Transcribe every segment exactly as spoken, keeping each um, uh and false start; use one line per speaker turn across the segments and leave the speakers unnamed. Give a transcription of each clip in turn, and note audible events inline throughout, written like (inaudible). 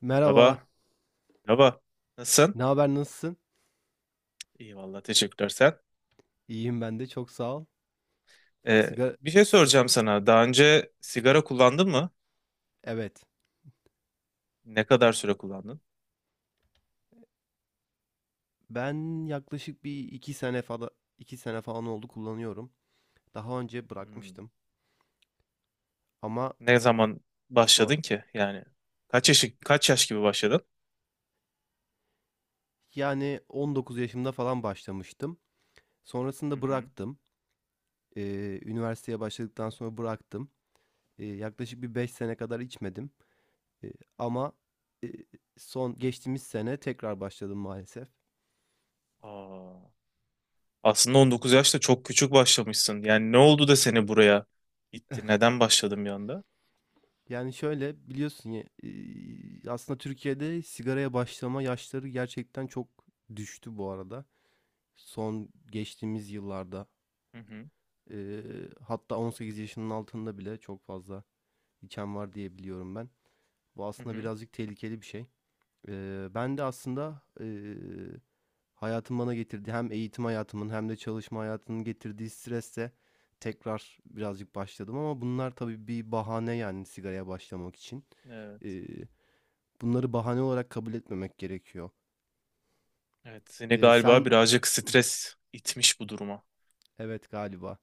Merhaba.
Merhaba. Merhaba. Nasılsın?
Ne haber, nasılsın?
İyi valla teşekkürler sen.
İyiyim ben de, çok sağ ol.
Ee,
Sigara...
Bir şey
s-
soracağım sana. Daha önce sigara kullandın mı?
Evet.
Ne kadar süre kullandın?
Ben yaklaşık bir iki sene falan iki sene falan oldu kullanıyorum. Daha önce
Hmm.
bırakmıştım ama
Ne zaman
sonra
başladın ki? Yani kaç yaş kaç yaş gibi başladın?
yani on dokuz yaşımda falan başlamıştım.
Hı
Sonrasında
hı.
bıraktım. Ee, üniversiteye başladıktan sonra bıraktım. Ee, yaklaşık bir beş sene kadar içmedim. Ee, ama son geçtiğimiz sene tekrar başladım maalesef.
Aa, aslında on dokuz yaşta çok küçük başlamışsın. Yani ne oldu da seni buraya itti? Neden başladın bir anda?
Yani şöyle biliyorsun ya, e, aslında Türkiye'de sigaraya başlama yaşları gerçekten çok düştü bu arada. Son geçtiğimiz yıllarda,
Hı hı.
e, hatta on sekiz yaşının altında bile çok fazla içen var diye biliyorum ben. Bu
Hı
aslında
hı.
birazcık tehlikeli bir şey. E, ben de aslında e, hayatın bana getirdi, hem eğitim hayatımın hem de çalışma hayatının getirdiği stresle tekrar birazcık başladım, ama bunlar tabii bir bahane yani sigaraya başlamak için.
Evet.
Bunları bahane olarak kabul etmemek gerekiyor.
Evet, seni
Eee,
galiba
sen
birazcık stres itmiş bu duruma.
Evet, galiba.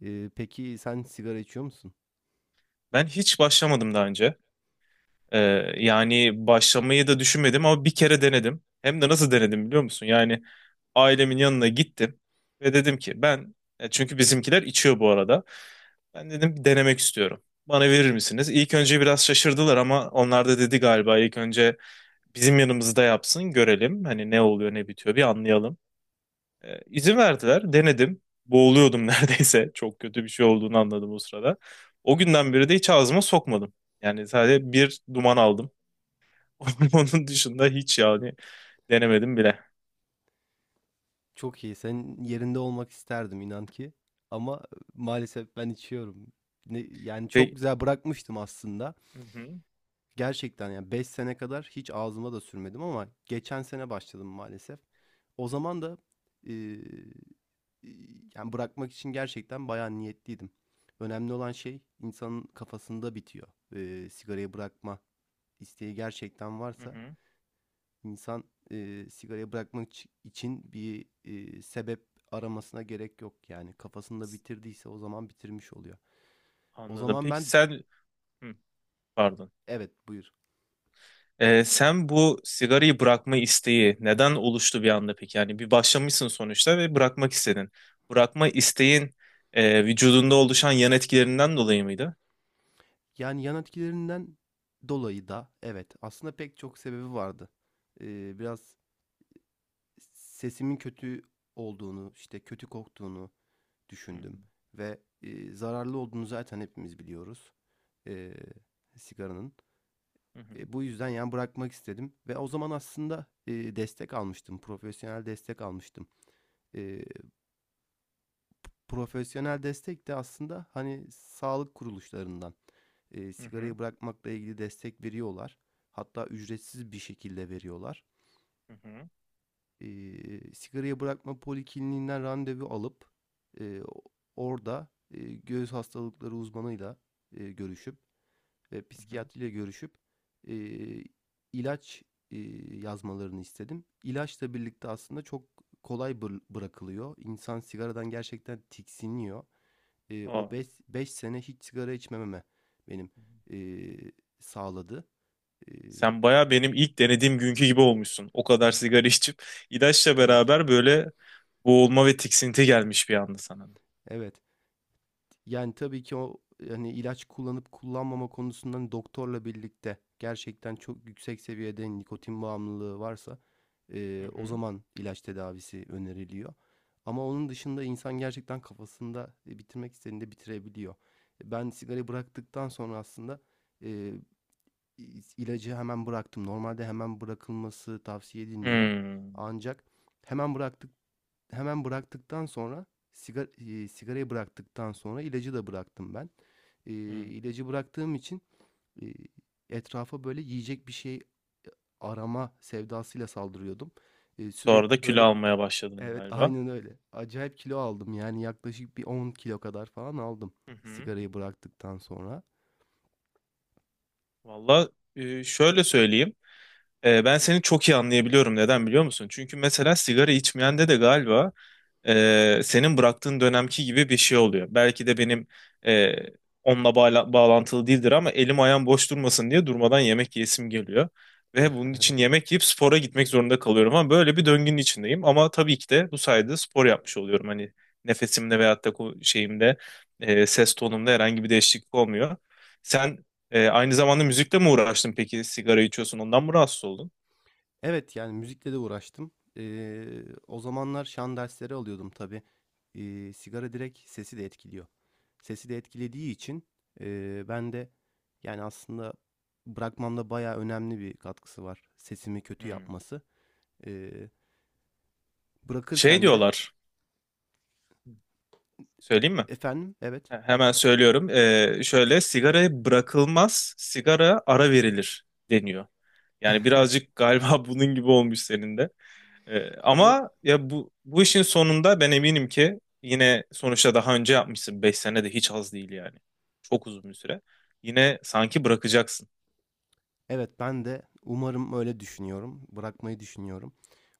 Eee, peki sen sigara içiyor musun?
Ben hiç başlamadım daha önce. Ee, Yani başlamayı da düşünmedim ama bir kere denedim. Hem de nasıl denedim biliyor musun? Yani ailemin yanına gittim ve dedim ki ben e, çünkü bizimkiler içiyor bu arada. Ben dedim denemek istiyorum. Bana verir misiniz? İlk önce biraz şaşırdılar ama onlar da dedi galiba ilk önce bizim yanımızda yapsın görelim. Hani ne oluyor ne bitiyor bir anlayalım. Ee, izin verdiler denedim. Boğuluyordum (laughs) neredeyse. Çok kötü bir şey olduğunu anladım o sırada. O günden beri de hiç ağzıma sokmadım. Yani sadece bir duman aldım. (laughs) Onun dışında hiç yani denemedim bile.
Çok iyi. Senin yerinde olmak isterdim inan ki, ama maalesef ben içiyorum. Ne yani, çok
Peki,
güzel bırakmıştım aslında.
hı hı,
Gerçekten yani beş sene kadar hiç ağzıma da sürmedim, ama geçen sene başladım maalesef. O zaman da, eee, iii, yani bırakmak için gerçekten bayağı niyetliydim. Önemli olan şey insanın kafasında bitiyor, eee, sigarayı bırakma isteği gerçekten
hı
varsa
hı.
insan, e, sigarayı bırakmak için bir, e, sebep aramasına gerek yok. Yani kafasında bitirdiyse o zaman bitirmiş oluyor. O
Anladım.
zaman
Peki
ben
sen, hı, pardon.
Evet, buyur.
Ee, sen bu sigarayı bırakma isteği neden oluştu bir anda peki? Yani bir başlamışsın sonuçta ve bırakmak istedin. Bırakma isteğin e, vücudunda oluşan yan etkilerinden dolayı mıydı?
Yani yan etkilerinden dolayı da evet, aslında pek çok sebebi vardı. E, biraz sesimin kötü olduğunu, işte kötü koktuğunu
Hı
düşündüm ve e, zararlı olduğunu zaten hepimiz biliyoruz. E, sigaranın.
hı,
E, bu yüzden yani bırakmak istedim ve o zaman aslında e, destek almıştım, profesyonel destek almıştım. E, profesyonel destek de aslında hani sağlık kuruluşlarından e,
hı hı,
sigarayı bırakmakla ilgili destek veriyorlar. Hatta ücretsiz bir şekilde veriyorlar.
hı hı,
E, sigarayı bırakma polikliniğinden randevu alıp, e, orada e, göğüs hastalıkları uzmanıyla e, görüşüp ve
hı hı.
psikiyatriyle görüşüp, eee, ilaç, eee, yazmalarını istedim. İlaçla birlikte aslında çok kolay bırakılıyor. İnsan sigaradan gerçekten tiksiniyor. Eee,
Aa.
o beş 5 sene hiç sigara içmememe benim, eee, sağladı. Eee
Sen baya benim ilk denediğim günkü gibi olmuşsun. O kadar sigara içip (laughs) ilaçla
Evet.
beraber böyle boğulma ve tiksinti gelmiş bir anda sana da.
Evet. Yani, tabii ki o, yani ilaç kullanıp kullanmama konusundan doktorla birlikte gerçekten çok yüksek seviyede nikotin bağımlılığı varsa,
Hı
eee, o
hı.
zaman ilaç tedavisi öneriliyor. Ama onun dışında insan gerçekten kafasında, eee, bitirmek istediğinde bitirebiliyor. Ben sigarayı bıraktıktan sonra aslında, eee, ilacı hemen bıraktım. Normalde hemen bırakılması tavsiye edilmiyor.
Hmm.
Ancak hemen bıraktık hemen bıraktıktan sonra sigara, e, sigarayı bıraktıktan sonra ilacı da bıraktım ben. E,
Hmm.
ilacı bıraktığım için, e, etrafa böyle yiyecek bir şey arama sevdasıyla saldırıyordum. E,
Sonra da
sürekli
kilo
böyle
almaya başladın
Evet,
galiba.
aynen öyle. Acayip kilo aldım, yani yaklaşık bir on kilo kadar falan aldım
Hı hı.
sigarayı bıraktıktan sonra.
Valla e, şöyle söyleyeyim. E, ben seni çok iyi anlayabiliyorum. Neden biliyor musun? Çünkü mesela sigara içmeyende de galiba e, senin bıraktığın dönemki gibi bir şey oluyor. Belki de benim e, onunla bağla- bağlantılı değildir ama elim ayağım boş durmasın diye durmadan yemek yesim geliyor. Ve bunun için
(laughs)
yemek yiyip spora gitmek zorunda kalıyorum ama böyle bir döngünün içindeyim. Ama tabii ki de bu sayede spor yapmış oluyorum. Hani nefesimde veyahut da ko- şeyimde e, ses tonumda herhangi bir değişiklik olmuyor. Sen e, aynı zamanda müzikle mi uğraştın peki? Sigara içiyorsun ondan mı rahatsız oldun?
Evet, yani müzikle de uğraştım. Eee, o zamanlar şan dersleri alıyordum tabii. Eee, sigara direkt sesi de etkiliyor. Sesi de etkilediği için eee, ben de yani aslında bırakmamda bayağı önemli bir katkısı var. Sesimi kötü
Hmm.
yapması. Eee,
Şey
bırakırken de.
diyorlar, söyleyeyim mi?
Efendim, evet.
He- Hemen söylüyorum. Ee, şöyle sigaraya bırakılmaz, sigara ara verilir deniyor. Yani birazcık galiba (laughs) bunun gibi olmuş senin de. Ee,
Yok.
ama ya bu bu işin sonunda ben eminim ki yine sonuçta daha önce yapmışsın. Beş sene de hiç az değil yani. Çok uzun bir süre. Yine sanki bırakacaksın.
Evet, ben de umarım öyle düşünüyorum. Bırakmayı düşünüyorum.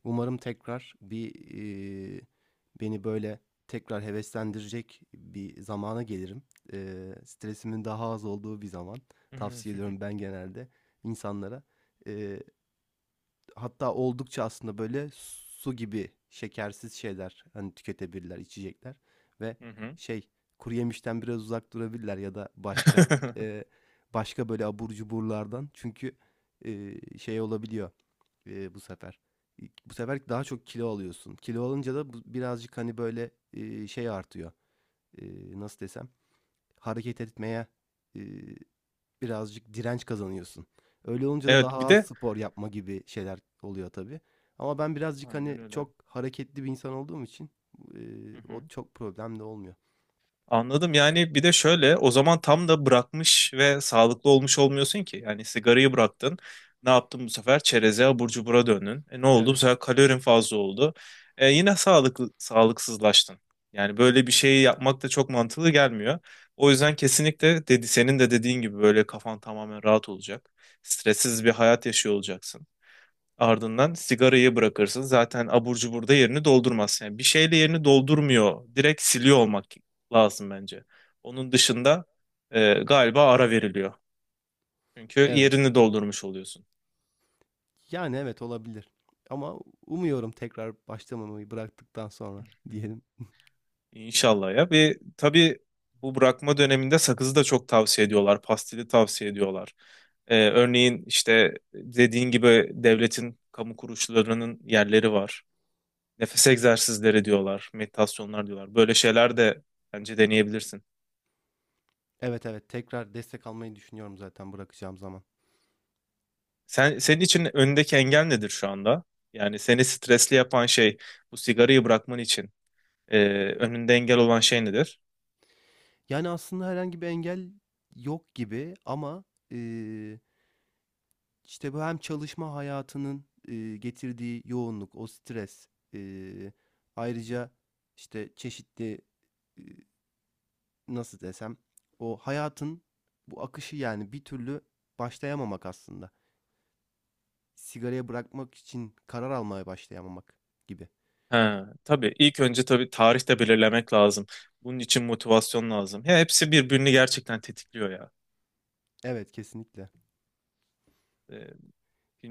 Umarım tekrar bir, eee, beni böyle tekrar heveslendirecek bir zamana gelirim. Eee, stresimin daha az olduğu bir zaman.
Hı hı.
Tavsiye ediyorum ben genelde insanlara. Eee, Hatta oldukça aslında böyle su gibi şekersiz şeyler hani tüketebilirler, içecekler ve
Hı hı.
şey, kuruyemişten biraz uzak durabilirler ya da başka,
(laughs)
eee, başka böyle abur cuburlardan. Çünkü eee, şey olabiliyor, eee, bu sefer. bu sefer daha çok kilo alıyorsun. Kilo alınca da bu birazcık hani böyle, eee, şey artıyor, eee, nasıl desem, hareket etmeye, e, birazcık direnç kazanıyorsun. Öyle olunca da daha
Evet bir
az
de
spor yapma gibi şeyler oluyor tabii. Ama ben birazcık hani
aynen öyle.
çok hareketli bir insan olduğum için eee,
Hı
o
hı.
çok problemli olmuyor.
Anladım. Yani bir de şöyle o zaman tam da bırakmış ve sağlıklı olmuş olmuyorsun ki. Yani sigarayı bıraktın. Ne yaptın bu sefer? Çereze, abur cubura döndün. E ne oldu? Bu
Evet.
sefer kalorin fazla oldu. E yine sağlıklı, sağlıksızlaştın. Yani böyle bir şeyi yapmak da çok mantıklı gelmiyor. O yüzden kesinlikle dedi, senin de dediğin gibi böyle kafan tamamen rahat olacak. Stressiz bir hayat yaşıyor olacaksın. Ardından sigarayı bırakırsın. Zaten abur cubur da yerini doldurmaz. Yani bir şeyle yerini doldurmuyor. Direkt siliyor olmak lazım bence. Onun dışında e, galiba ara veriliyor. Çünkü
Evet.
yerini doldurmuş oluyorsun.
Yani evet, olabilir. Ama umuyorum tekrar başlamamayı, bıraktıktan sonra diyelim.
İnşallah ya. Ve tabii bu bırakma döneminde sakızı da çok tavsiye ediyorlar. Pastili tavsiye ediyorlar. E, örneğin işte dediğin gibi devletin kamu kuruluşlarının yerleri var. Nefes egzersizleri diyorlar, meditasyonlar diyorlar. Böyle şeyler de bence deneyebilirsin.
Evet, evet, tekrar destek almayı düşünüyorum zaten bırakacağım zaman.
Sen, senin için önündeki engel nedir şu anda? Yani seni stresli yapan şey bu sigarayı bırakman için e, önünde engel olan şey nedir?
Yani aslında herhangi bir engel yok gibi, ama eee, İşte bu hem çalışma hayatının e, getirdiği yoğunluk, o stres, e, ayrıca işte çeşitli, e, nasıl desem, o hayatın bu akışı, yani bir türlü başlayamamak aslında. Sigaraya bırakmak için karar almaya başlayamamak gibi.
Ha, tabii ilk önce tabii tarih de belirlemek lazım. Bunun için motivasyon lazım. Ya hepsi birbirini gerçekten tetikliyor ya.
Evet, kesinlikle.
E,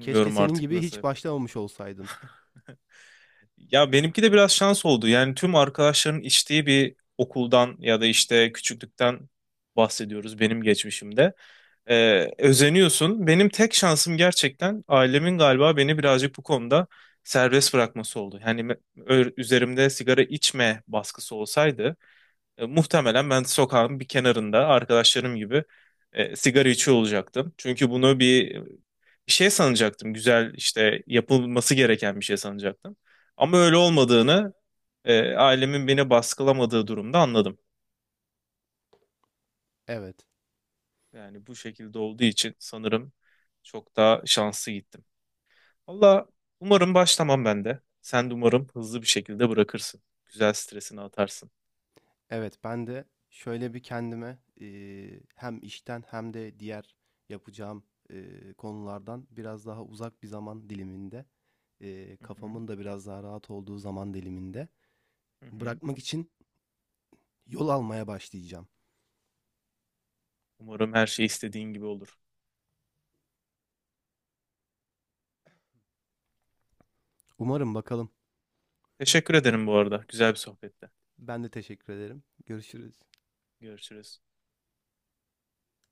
Keşke senin
artık
gibi hiç
nasıl.
başlamamış olsaydım.
Ya benimki de biraz şans oldu. Yani tüm arkadaşların içtiği bir okuldan ya da işte küçüklükten bahsediyoruz benim geçmişimde. Ee, özeniyorsun. Benim tek şansım gerçekten ailemin galiba beni birazcık bu konuda serbest bırakması oldu. Yani me- ö- üzerimde sigara içme baskısı olsaydı e, muhtemelen ben sokağın bir kenarında arkadaşlarım gibi e, sigara içiyor olacaktım. Çünkü bunu bir bir şey sanacaktım. Güzel işte yapılması gereken bir şey sanacaktım. Ama öyle olmadığını e, ailemin beni baskılamadığı durumda anladım.
Evet.
Yani bu şekilde olduğu için sanırım çok daha şanslı gittim. Valla umarım başlamam ben de. Sen de umarım hızlı bir şekilde bırakırsın. Güzel stresini atarsın.
Evet, ben de şöyle bir kendime, eee, hem işten hem de diğer yapacağım, eee, konulardan biraz daha uzak bir zaman diliminde, eee,
Hı hı,
kafamın da biraz daha rahat olduğu zaman diliminde
hı hı.
bırakmak için yol almaya başlayacağım.
Umarım her şey istediğin gibi olur.
Umarım bakalım.
Teşekkür ederim bu arada. Güzel bir sohbette.
Ben de teşekkür ederim. Görüşürüz.
Görüşürüz.